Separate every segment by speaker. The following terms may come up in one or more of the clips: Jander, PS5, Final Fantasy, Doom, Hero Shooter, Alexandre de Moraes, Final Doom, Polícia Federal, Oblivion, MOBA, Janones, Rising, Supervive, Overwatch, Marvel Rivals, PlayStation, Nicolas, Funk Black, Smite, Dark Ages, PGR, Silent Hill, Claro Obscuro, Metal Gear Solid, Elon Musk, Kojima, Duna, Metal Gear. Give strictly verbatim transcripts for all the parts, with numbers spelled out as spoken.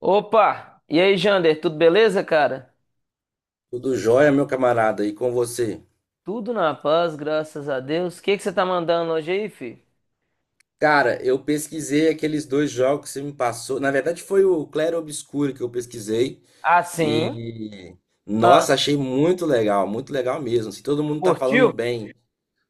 Speaker 1: Opa! E aí, Jander, tudo beleza, cara?
Speaker 2: Tudo jóia, meu camarada, e com você?
Speaker 1: Tudo na paz, graças a Deus. O que que você tá mandando hoje aí, filho?
Speaker 2: Cara, eu pesquisei aqueles dois jogos que você me passou. Na verdade, foi o Claro Obscuro que eu pesquisei.
Speaker 1: Ah, sim.
Speaker 2: E,
Speaker 1: Ah,
Speaker 2: nossa, achei muito legal, muito legal mesmo. Se todo mundo tá falando
Speaker 1: curtiu?
Speaker 2: bem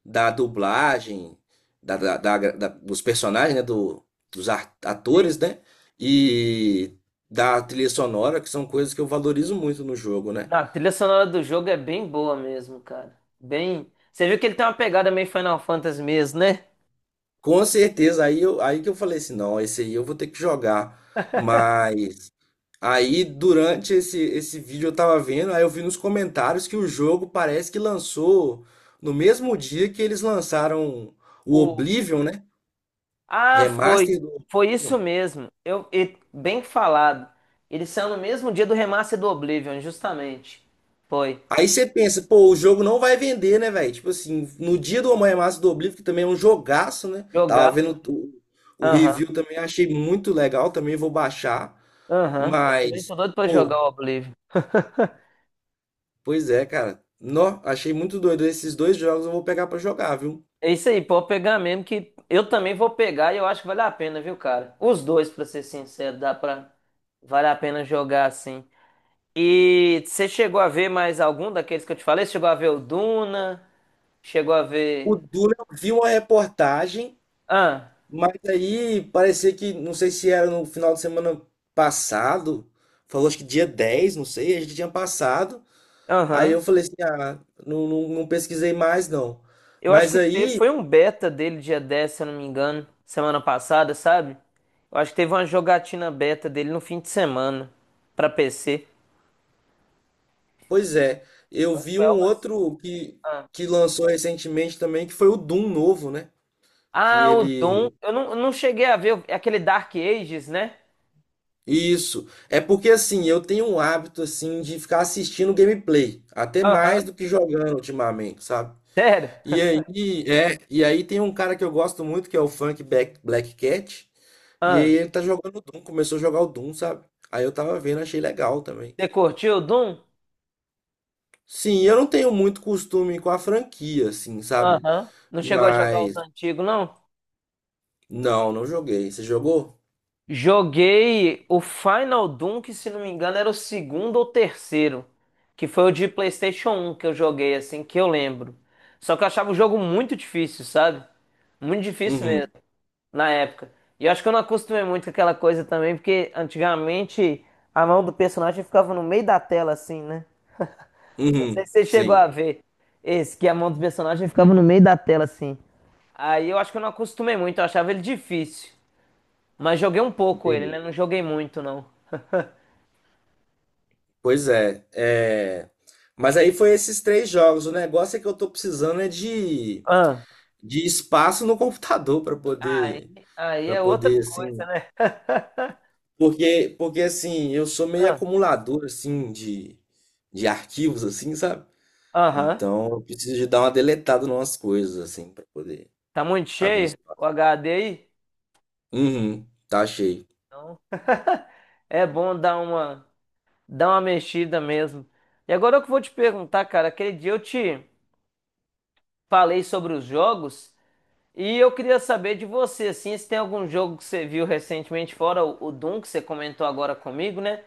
Speaker 2: da dublagem, da, da- da- da- dos personagens, né? do- dos ar- atores,
Speaker 1: Sim.
Speaker 2: né? E da trilha sonora, que são coisas que eu valorizo muito no jogo, né?
Speaker 1: A trilha sonora do jogo é bem boa mesmo, cara. Bem. Você viu que ele tem uma pegada meio Final Fantasy mesmo, né?
Speaker 2: Com certeza, aí, eu, aí que eu falei assim, não, esse aí eu vou ter que jogar. Mas. Aí, durante esse, esse vídeo eu tava vendo, aí eu vi nos comentários que o jogo parece que lançou no mesmo dia que eles lançaram o
Speaker 1: O...
Speaker 2: Oblivion, né? O
Speaker 1: Ah, foi.
Speaker 2: Remaster do
Speaker 1: Foi
Speaker 2: Oblivion.
Speaker 1: isso mesmo. Eu... e- Bem falado. Ele saiu no mesmo dia do remaster do Oblivion, justamente. Foi.
Speaker 2: Aí você pensa, pô, o jogo não vai vender, né, velho? Tipo assim, no dia do remaster do Oblivion, que também é um jogaço, né? Tava
Speaker 1: Jogar.
Speaker 2: vendo o, o review também, achei muito legal, também vou baixar.
Speaker 1: Aham, eu também
Speaker 2: Mas,
Speaker 1: tô doido pra
Speaker 2: pô,
Speaker 1: jogar o Oblivion.
Speaker 2: pois é, cara. Nó, achei muito doido. Esses dois jogos eu vou pegar pra jogar, viu?
Speaker 1: É isso aí, pode pegar mesmo que eu também vou pegar e eu acho que vale a pena, viu, cara? Os dois, pra ser sincero, dá pra. Vale a pena jogar assim. E você chegou a ver mais algum daqueles que eu te falei? Você chegou a ver o Duna? Chegou a
Speaker 2: O
Speaker 1: ver.
Speaker 2: Duna, eu vi uma reportagem,
Speaker 1: Ah,
Speaker 2: mas aí parecia que, não sei se era no final de semana passado, falou acho que dia dez, não sei, a gente tinha passado. Aí eu
Speaker 1: aham.
Speaker 2: falei assim, ah, não, não, não pesquisei mais não.
Speaker 1: Eu acho
Speaker 2: Mas
Speaker 1: que teve,
Speaker 2: aí,
Speaker 1: foi um beta dele dia dez, se eu não me engano, semana passada, sabe? Eu acho que teve uma jogatina beta dele no fim de semana pra P C.
Speaker 2: pois é, eu
Speaker 1: Eu acho que
Speaker 2: vi
Speaker 1: foi
Speaker 2: um
Speaker 1: algo assim.
Speaker 2: outro que, que lançou recentemente também, que foi o Doom novo, né? Que
Speaker 1: Ah, o Doom.
Speaker 2: ele...
Speaker 1: Eu não, eu não cheguei a ver. É aquele Dark Ages, né?
Speaker 2: Isso. É porque assim, eu tenho um hábito assim de ficar assistindo gameplay, até mais
Speaker 1: Aham.
Speaker 2: do que jogando ultimamente, sabe?
Speaker 1: Sério?
Speaker 2: E aí, é, e aí tem um cara que eu gosto muito, que é o Funk Black, Black Cat, e aí
Speaker 1: Ah,
Speaker 2: ele tá jogando Doom, começou a jogar o Doom, sabe? Aí eu tava vendo, achei legal também.
Speaker 1: você curtiu o Doom?
Speaker 2: Sim, eu não tenho muito costume com a franquia, assim, sabe?
Speaker 1: Aham. Não chegou a jogar os
Speaker 2: Mas,
Speaker 1: antigos, não?
Speaker 2: não, não joguei. Você jogou?
Speaker 1: Joguei o Final Doom, que se não me engano era o segundo ou terceiro, que foi o de PlayStation um que eu joguei, assim, que eu lembro. Só que eu achava o jogo muito difícil, sabe? Muito difícil
Speaker 2: Uhum,
Speaker 1: mesmo, na época. E eu acho que eu não acostumei muito com aquela coisa também, porque antigamente a mão do personagem ficava no meio da tela, assim, né? Não sei
Speaker 2: uhum,
Speaker 1: se você chegou
Speaker 2: sim,
Speaker 1: a ver esse, que a mão do personagem ficava no meio da tela, assim. Aí eu acho que eu não acostumei muito, eu achava ele difícil. Mas joguei um pouco ele, né?
Speaker 2: entendi.
Speaker 1: Não joguei muito, não.
Speaker 2: Pois é, é... Mas aí foi esses três jogos. O negócio é que eu tô precisando é de,
Speaker 1: Ah,
Speaker 2: de espaço no computador pra
Speaker 1: aí,
Speaker 2: poder,
Speaker 1: aí
Speaker 2: para
Speaker 1: é outra
Speaker 2: poder,
Speaker 1: coisa,
Speaker 2: assim...
Speaker 1: né?
Speaker 2: Porque, porque assim, eu sou meio
Speaker 1: Ah,
Speaker 2: acumulador assim de, de arquivos assim, sabe?
Speaker 1: aham.
Speaker 2: Então, eu preciso de dar uma deletada em umas coisas assim pra poder
Speaker 1: Tá muito
Speaker 2: abrir
Speaker 1: cheio
Speaker 2: espaço.
Speaker 1: o H D aí?
Speaker 2: Uhum, tá cheio.
Speaker 1: Então, é bom dar uma, dar uma mexida mesmo. E agora eu que vou te perguntar, cara, aquele dia eu te falei sobre os jogos. E eu queria saber de você, assim, se tem algum jogo que você viu recentemente, fora o, o Doom, que você comentou agora comigo, né?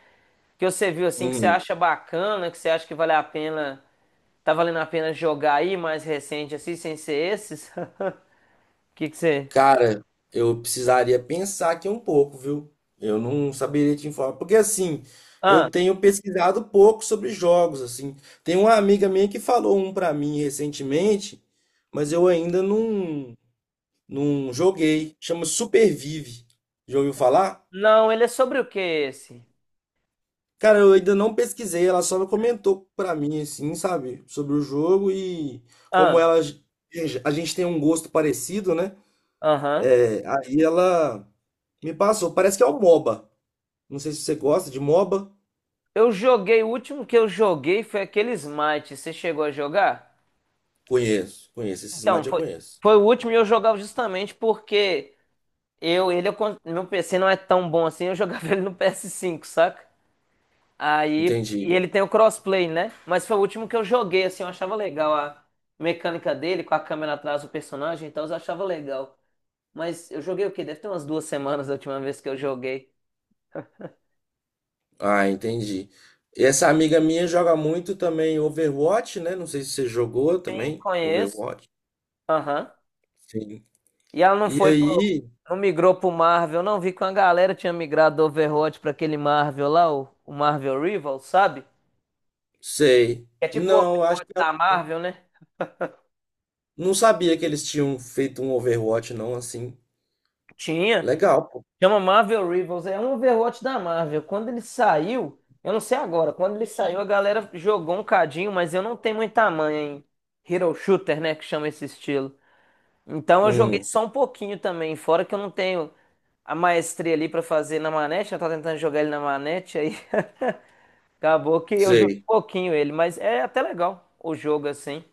Speaker 1: Que você viu, assim, que você
Speaker 2: Uhum.
Speaker 1: acha bacana, que você acha que vale a pena, tá valendo a pena jogar aí mais recente, assim, sem ser esses? O que que você...
Speaker 2: Cara, eu precisaria pensar aqui um pouco, viu? Eu não saberia te informar, porque assim,
Speaker 1: Ah,
Speaker 2: eu tenho pesquisado pouco sobre jogos assim. Tem uma amiga minha que falou um pra mim recentemente, mas eu ainda não. Não joguei. Chama Supervive. Já ouviu falar?
Speaker 1: não, ele é sobre o que esse?
Speaker 2: Cara, eu ainda não pesquisei. Ela só comentou pra mim, assim, sabe? Sobre o jogo e como
Speaker 1: Ah,
Speaker 2: ela. A gente tem um gosto parecido, né?
Speaker 1: aham.
Speaker 2: É, aí ela me passou. Parece que é o MOBA. Não sei se você gosta de MOBA.
Speaker 1: Eu joguei, o último que eu joguei foi aquele Smite, você chegou a jogar?
Speaker 2: Conheço, conheço. Esses
Speaker 1: Então,
Speaker 2: mates eu
Speaker 1: foi,
Speaker 2: conheço.
Speaker 1: foi o último e eu jogava justamente porque... Eu, ele, eu, con- Meu P C não é tão bom assim, eu jogava ele no P S cinco, saca? Aí, e
Speaker 2: Entendi.
Speaker 1: ele tem o crossplay, né? Mas foi o último que eu joguei, assim, eu achava legal a mecânica dele, com a câmera atrás do personagem e tal, eu achava legal. Mas eu joguei o quê? Deve ter umas duas semanas da última vez que eu joguei.
Speaker 2: Ah, entendi. Essa amiga minha joga muito também Overwatch, né? Não sei se você jogou
Speaker 1: Sim,
Speaker 2: também.
Speaker 1: conheço.
Speaker 2: Overwatch.
Speaker 1: Aham.
Speaker 2: Sim.
Speaker 1: E ela não
Speaker 2: E
Speaker 1: foi pro.
Speaker 2: aí.
Speaker 1: Não migrou pro Marvel, não. Vi que uma galera tinha migrado do Overwatch pra aquele Marvel lá, o, o Marvel Rivals, sabe?
Speaker 2: Sei.
Speaker 1: É tipo o
Speaker 2: Não, acho
Speaker 1: Overwatch
Speaker 2: que ela
Speaker 1: da
Speaker 2: não.
Speaker 1: Marvel, né?
Speaker 2: Não sabia que eles tinham feito um Overwatch, não, assim.
Speaker 1: Tinha.
Speaker 2: Legal, pô.
Speaker 1: Chama Marvel Rivals, é um Overwatch da Marvel. Quando ele saiu, eu não sei agora, quando ele saiu a galera jogou um cadinho, mas eu não tenho muita manha em Hero Shooter, né, que chama esse estilo. Então eu joguei
Speaker 2: Hum,
Speaker 1: só um pouquinho também, fora que eu não tenho a maestria ali pra fazer na manete, eu tava tentando jogar ele na manete, aí acabou que eu joguei um
Speaker 2: sei.
Speaker 1: pouquinho ele, mas é até legal o jogo assim.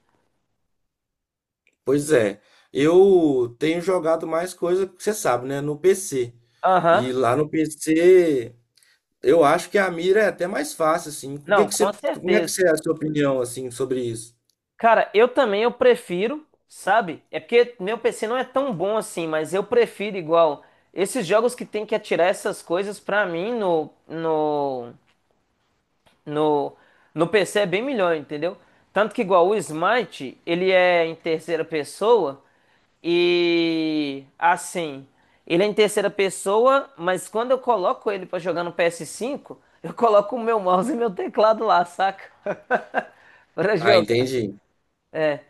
Speaker 2: Pois é. Eu tenho jogado mais coisa, que você sabe, né? No P C.
Speaker 1: Aham.
Speaker 2: E lá no P C, eu acho que a mira é até mais fácil, assim. O que
Speaker 1: Não,
Speaker 2: que você,
Speaker 1: com
Speaker 2: como é que
Speaker 1: certeza.
Speaker 2: você é a sua opinião, assim, sobre isso?
Speaker 1: Cara, eu também eu prefiro, sabe? É porque meu P C não é tão bom assim, mas eu prefiro igual esses jogos que tem que atirar essas coisas pra mim no no no no P C é bem melhor, entendeu? Tanto que igual o Smite, ele é em terceira pessoa e assim, ele é em terceira pessoa, mas quando eu coloco ele pra jogar no P S cinco, eu coloco o meu mouse e meu teclado lá, saca? Pra
Speaker 2: Ah,
Speaker 1: jogar
Speaker 2: entendi.
Speaker 1: é,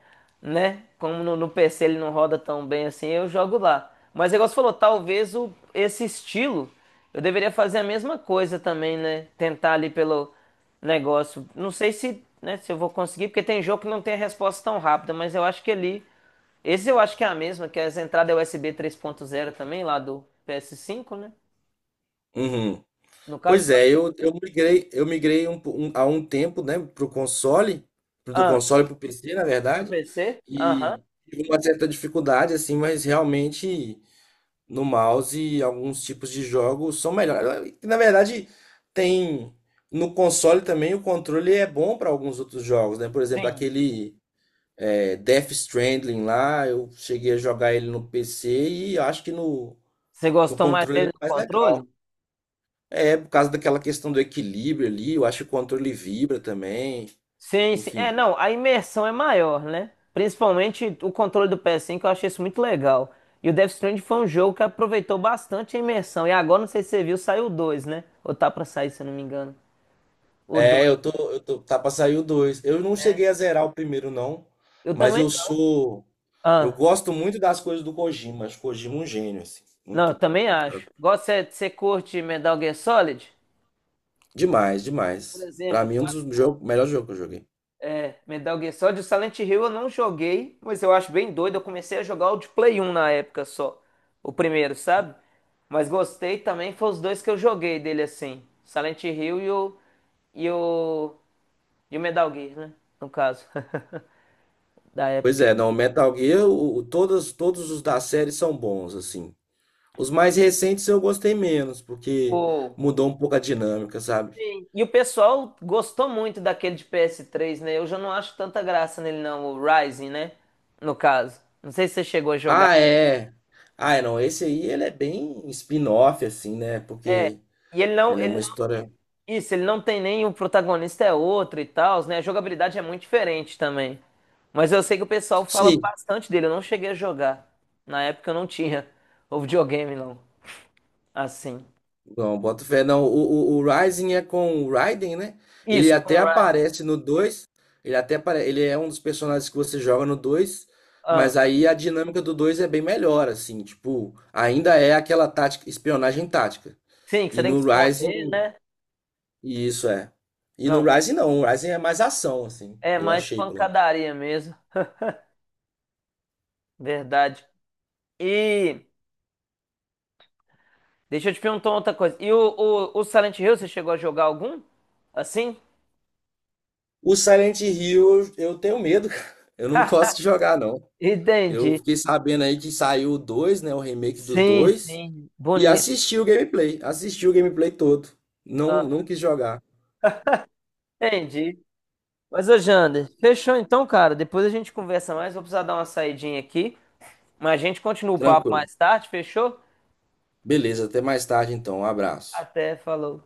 Speaker 1: né? Como no, no P C ele não roda tão bem assim, eu jogo lá. Mas o negócio falou, talvez o, esse estilo eu deveria fazer a mesma coisa também, né? Tentar ali pelo negócio. Não sei se, né, se eu vou conseguir, porque tem jogo que não tem a resposta tão rápida, mas eu acho que ali. Esse eu acho que é a mesma, que é as entradas U S B três ponto zero também, lá do ps cinco, né?
Speaker 2: Uhum.
Speaker 1: No caso,
Speaker 2: Pois
Speaker 1: tá.
Speaker 2: é, eu, eu migrei, eu migrei um, po- um- há um tempo, né, pro console, pro- do
Speaker 1: Ah,
Speaker 2: console pro P C, na
Speaker 1: pro
Speaker 2: verdade,
Speaker 1: P C? Aham.
Speaker 2: e tive uma certa dificuldade, assim, mas realmente no mouse alguns tipos de jogos são melhores. Na verdade, tem no console também o controle é bom para alguns outros jogos, né? Por exemplo,
Speaker 1: Sim.
Speaker 2: aquele é, Death Stranding lá, eu cheguei a jogar ele no P C e eu acho que no,
Speaker 1: Você
Speaker 2: no
Speaker 1: gostou mais
Speaker 2: controle ele é
Speaker 1: dele do
Speaker 2: mais
Speaker 1: controle?
Speaker 2: legal. É, por causa daquela questão do equilíbrio ali, eu acho que o controle vibra também,
Speaker 1: Sim, sim. É,
Speaker 2: enfim.
Speaker 1: não, a imersão é maior, né? Principalmente o controle do P S cinco, eu achei isso muito legal. E o Death Stranding foi um jogo que aproveitou bastante a imersão. E agora, não sei se você viu, saiu o dois, né? Ou tá pra sair, se eu não me engano. O
Speaker 2: É,
Speaker 1: dois.
Speaker 2: eu tô, eu tô, tá pra sair o dois. Eu não cheguei a zerar o primeiro, não,
Speaker 1: Eu
Speaker 2: mas
Speaker 1: também
Speaker 2: eu
Speaker 1: não.
Speaker 2: sou, eu
Speaker 1: Ah,
Speaker 2: gosto muito das coisas do Kojima, acho o Kojima um gênio, assim,
Speaker 1: não, eu
Speaker 2: muito,
Speaker 1: também acho. Gosta, você você curte Metal Gear Solid?
Speaker 2: demais,
Speaker 1: Por
Speaker 2: demais. Pra
Speaker 1: exemplo, que
Speaker 2: mim,
Speaker 1: eu
Speaker 2: um
Speaker 1: acho.
Speaker 2: dos jogos, melhor jogo que eu joguei.
Speaker 1: É, Metal Gear Solid, o Silent Hill eu não joguei, mas eu acho bem doido. Eu comecei a jogar o de Play um na época só, o primeiro, sabe? Mas gostei também, foi os dois que eu joguei dele assim, Silent Hill e o e o e o Metal Gear, né? No caso, da
Speaker 2: Pois
Speaker 1: época.
Speaker 2: é, não, Metal Gear, o, o- todos, todos os da série são bons, assim. Os mais recentes eu gostei menos, porque
Speaker 1: O.
Speaker 2: mudou um pouco a dinâmica, sabe?
Speaker 1: Sim. E o pessoal gostou muito daquele de P S três, né? Eu já não acho tanta graça nele não, o Rising, né? No caso. Não sei se você chegou a jogar.
Speaker 2: Ah, é. Ah, é, não, esse aí ele é bem spin-off, assim, né?
Speaker 1: É,
Speaker 2: Porque
Speaker 1: e ele não,
Speaker 2: ele é
Speaker 1: ele
Speaker 2: uma
Speaker 1: não-
Speaker 2: história.
Speaker 1: isso, ele não tem nem o protagonista é outro e tal, né? A jogabilidade é muito diferente também. Mas eu sei que o pessoal fala
Speaker 2: Sim,
Speaker 1: bastante dele, eu não cheguei a jogar. Na época eu não tinha o videogame, não. Assim.
Speaker 2: não, bota fé, não. O, o, o Rising é com o Raiden, né? Ele
Speaker 1: Isso,
Speaker 2: até
Speaker 1: Conrad.
Speaker 2: aparece no dois. Ele até apare... ele é um dos personagens que você joga no dois.
Speaker 1: Ah,
Speaker 2: Mas aí a dinâmica do dois é bem melhor, assim. Tipo, ainda é aquela tática, espionagem tática.
Speaker 1: sim, que você
Speaker 2: E
Speaker 1: tem que
Speaker 2: no Rising,
Speaker 1: esconder, né?
Speaker 2: isso é. E no
Speaker 1: Não,
Speaker 2: Rising
Speaker 1: muito.
Speaker 2: não, o Rising é mais ação, assim.
Speaker 1: É
Speaker 2: Eu
Speaker 1: mais
Speaker 2: achei, pelo.
Speaker 1: pancadaria mesmo. Verdade. E deixa eu te perguntar outra coisa. E o, o, o Silent Hill, você chegou a jogar algum? Assim?
Speaker 2: O Silent Hill, eu tenho medo, cara. Eu não
Speaker 1: Ha,
Speaker 2: gosto de jogar, não. Eu
Speaker 1: entendi.
Speaker 2: fiquei sabendo aí que saiu o dois, né? O remake do
Speaker 1: Sim,
Speaker 2: dois.
Speaker 1: sim,
Speaker 2: E
Speaker 1: bonito.
Speaker 2: assisti o gameplay. Assisti o gameplay todo. Não,
Speaker 1: Ah,
Speaker 2: não quis jogar.
Speaker 1: entendi. Mas, ô Jander, fechou então, cara. Depois a gente conversa mais. Vou precisar dar uma saidinha aqui. Mas a gente continua o papo
Speaker 2: Tranquilo.
Speaker 1: mais tarde, fechou?
Speaker 2: Beleza, até mais tarde então. Um abraço.
Speaker 1: Até, falou.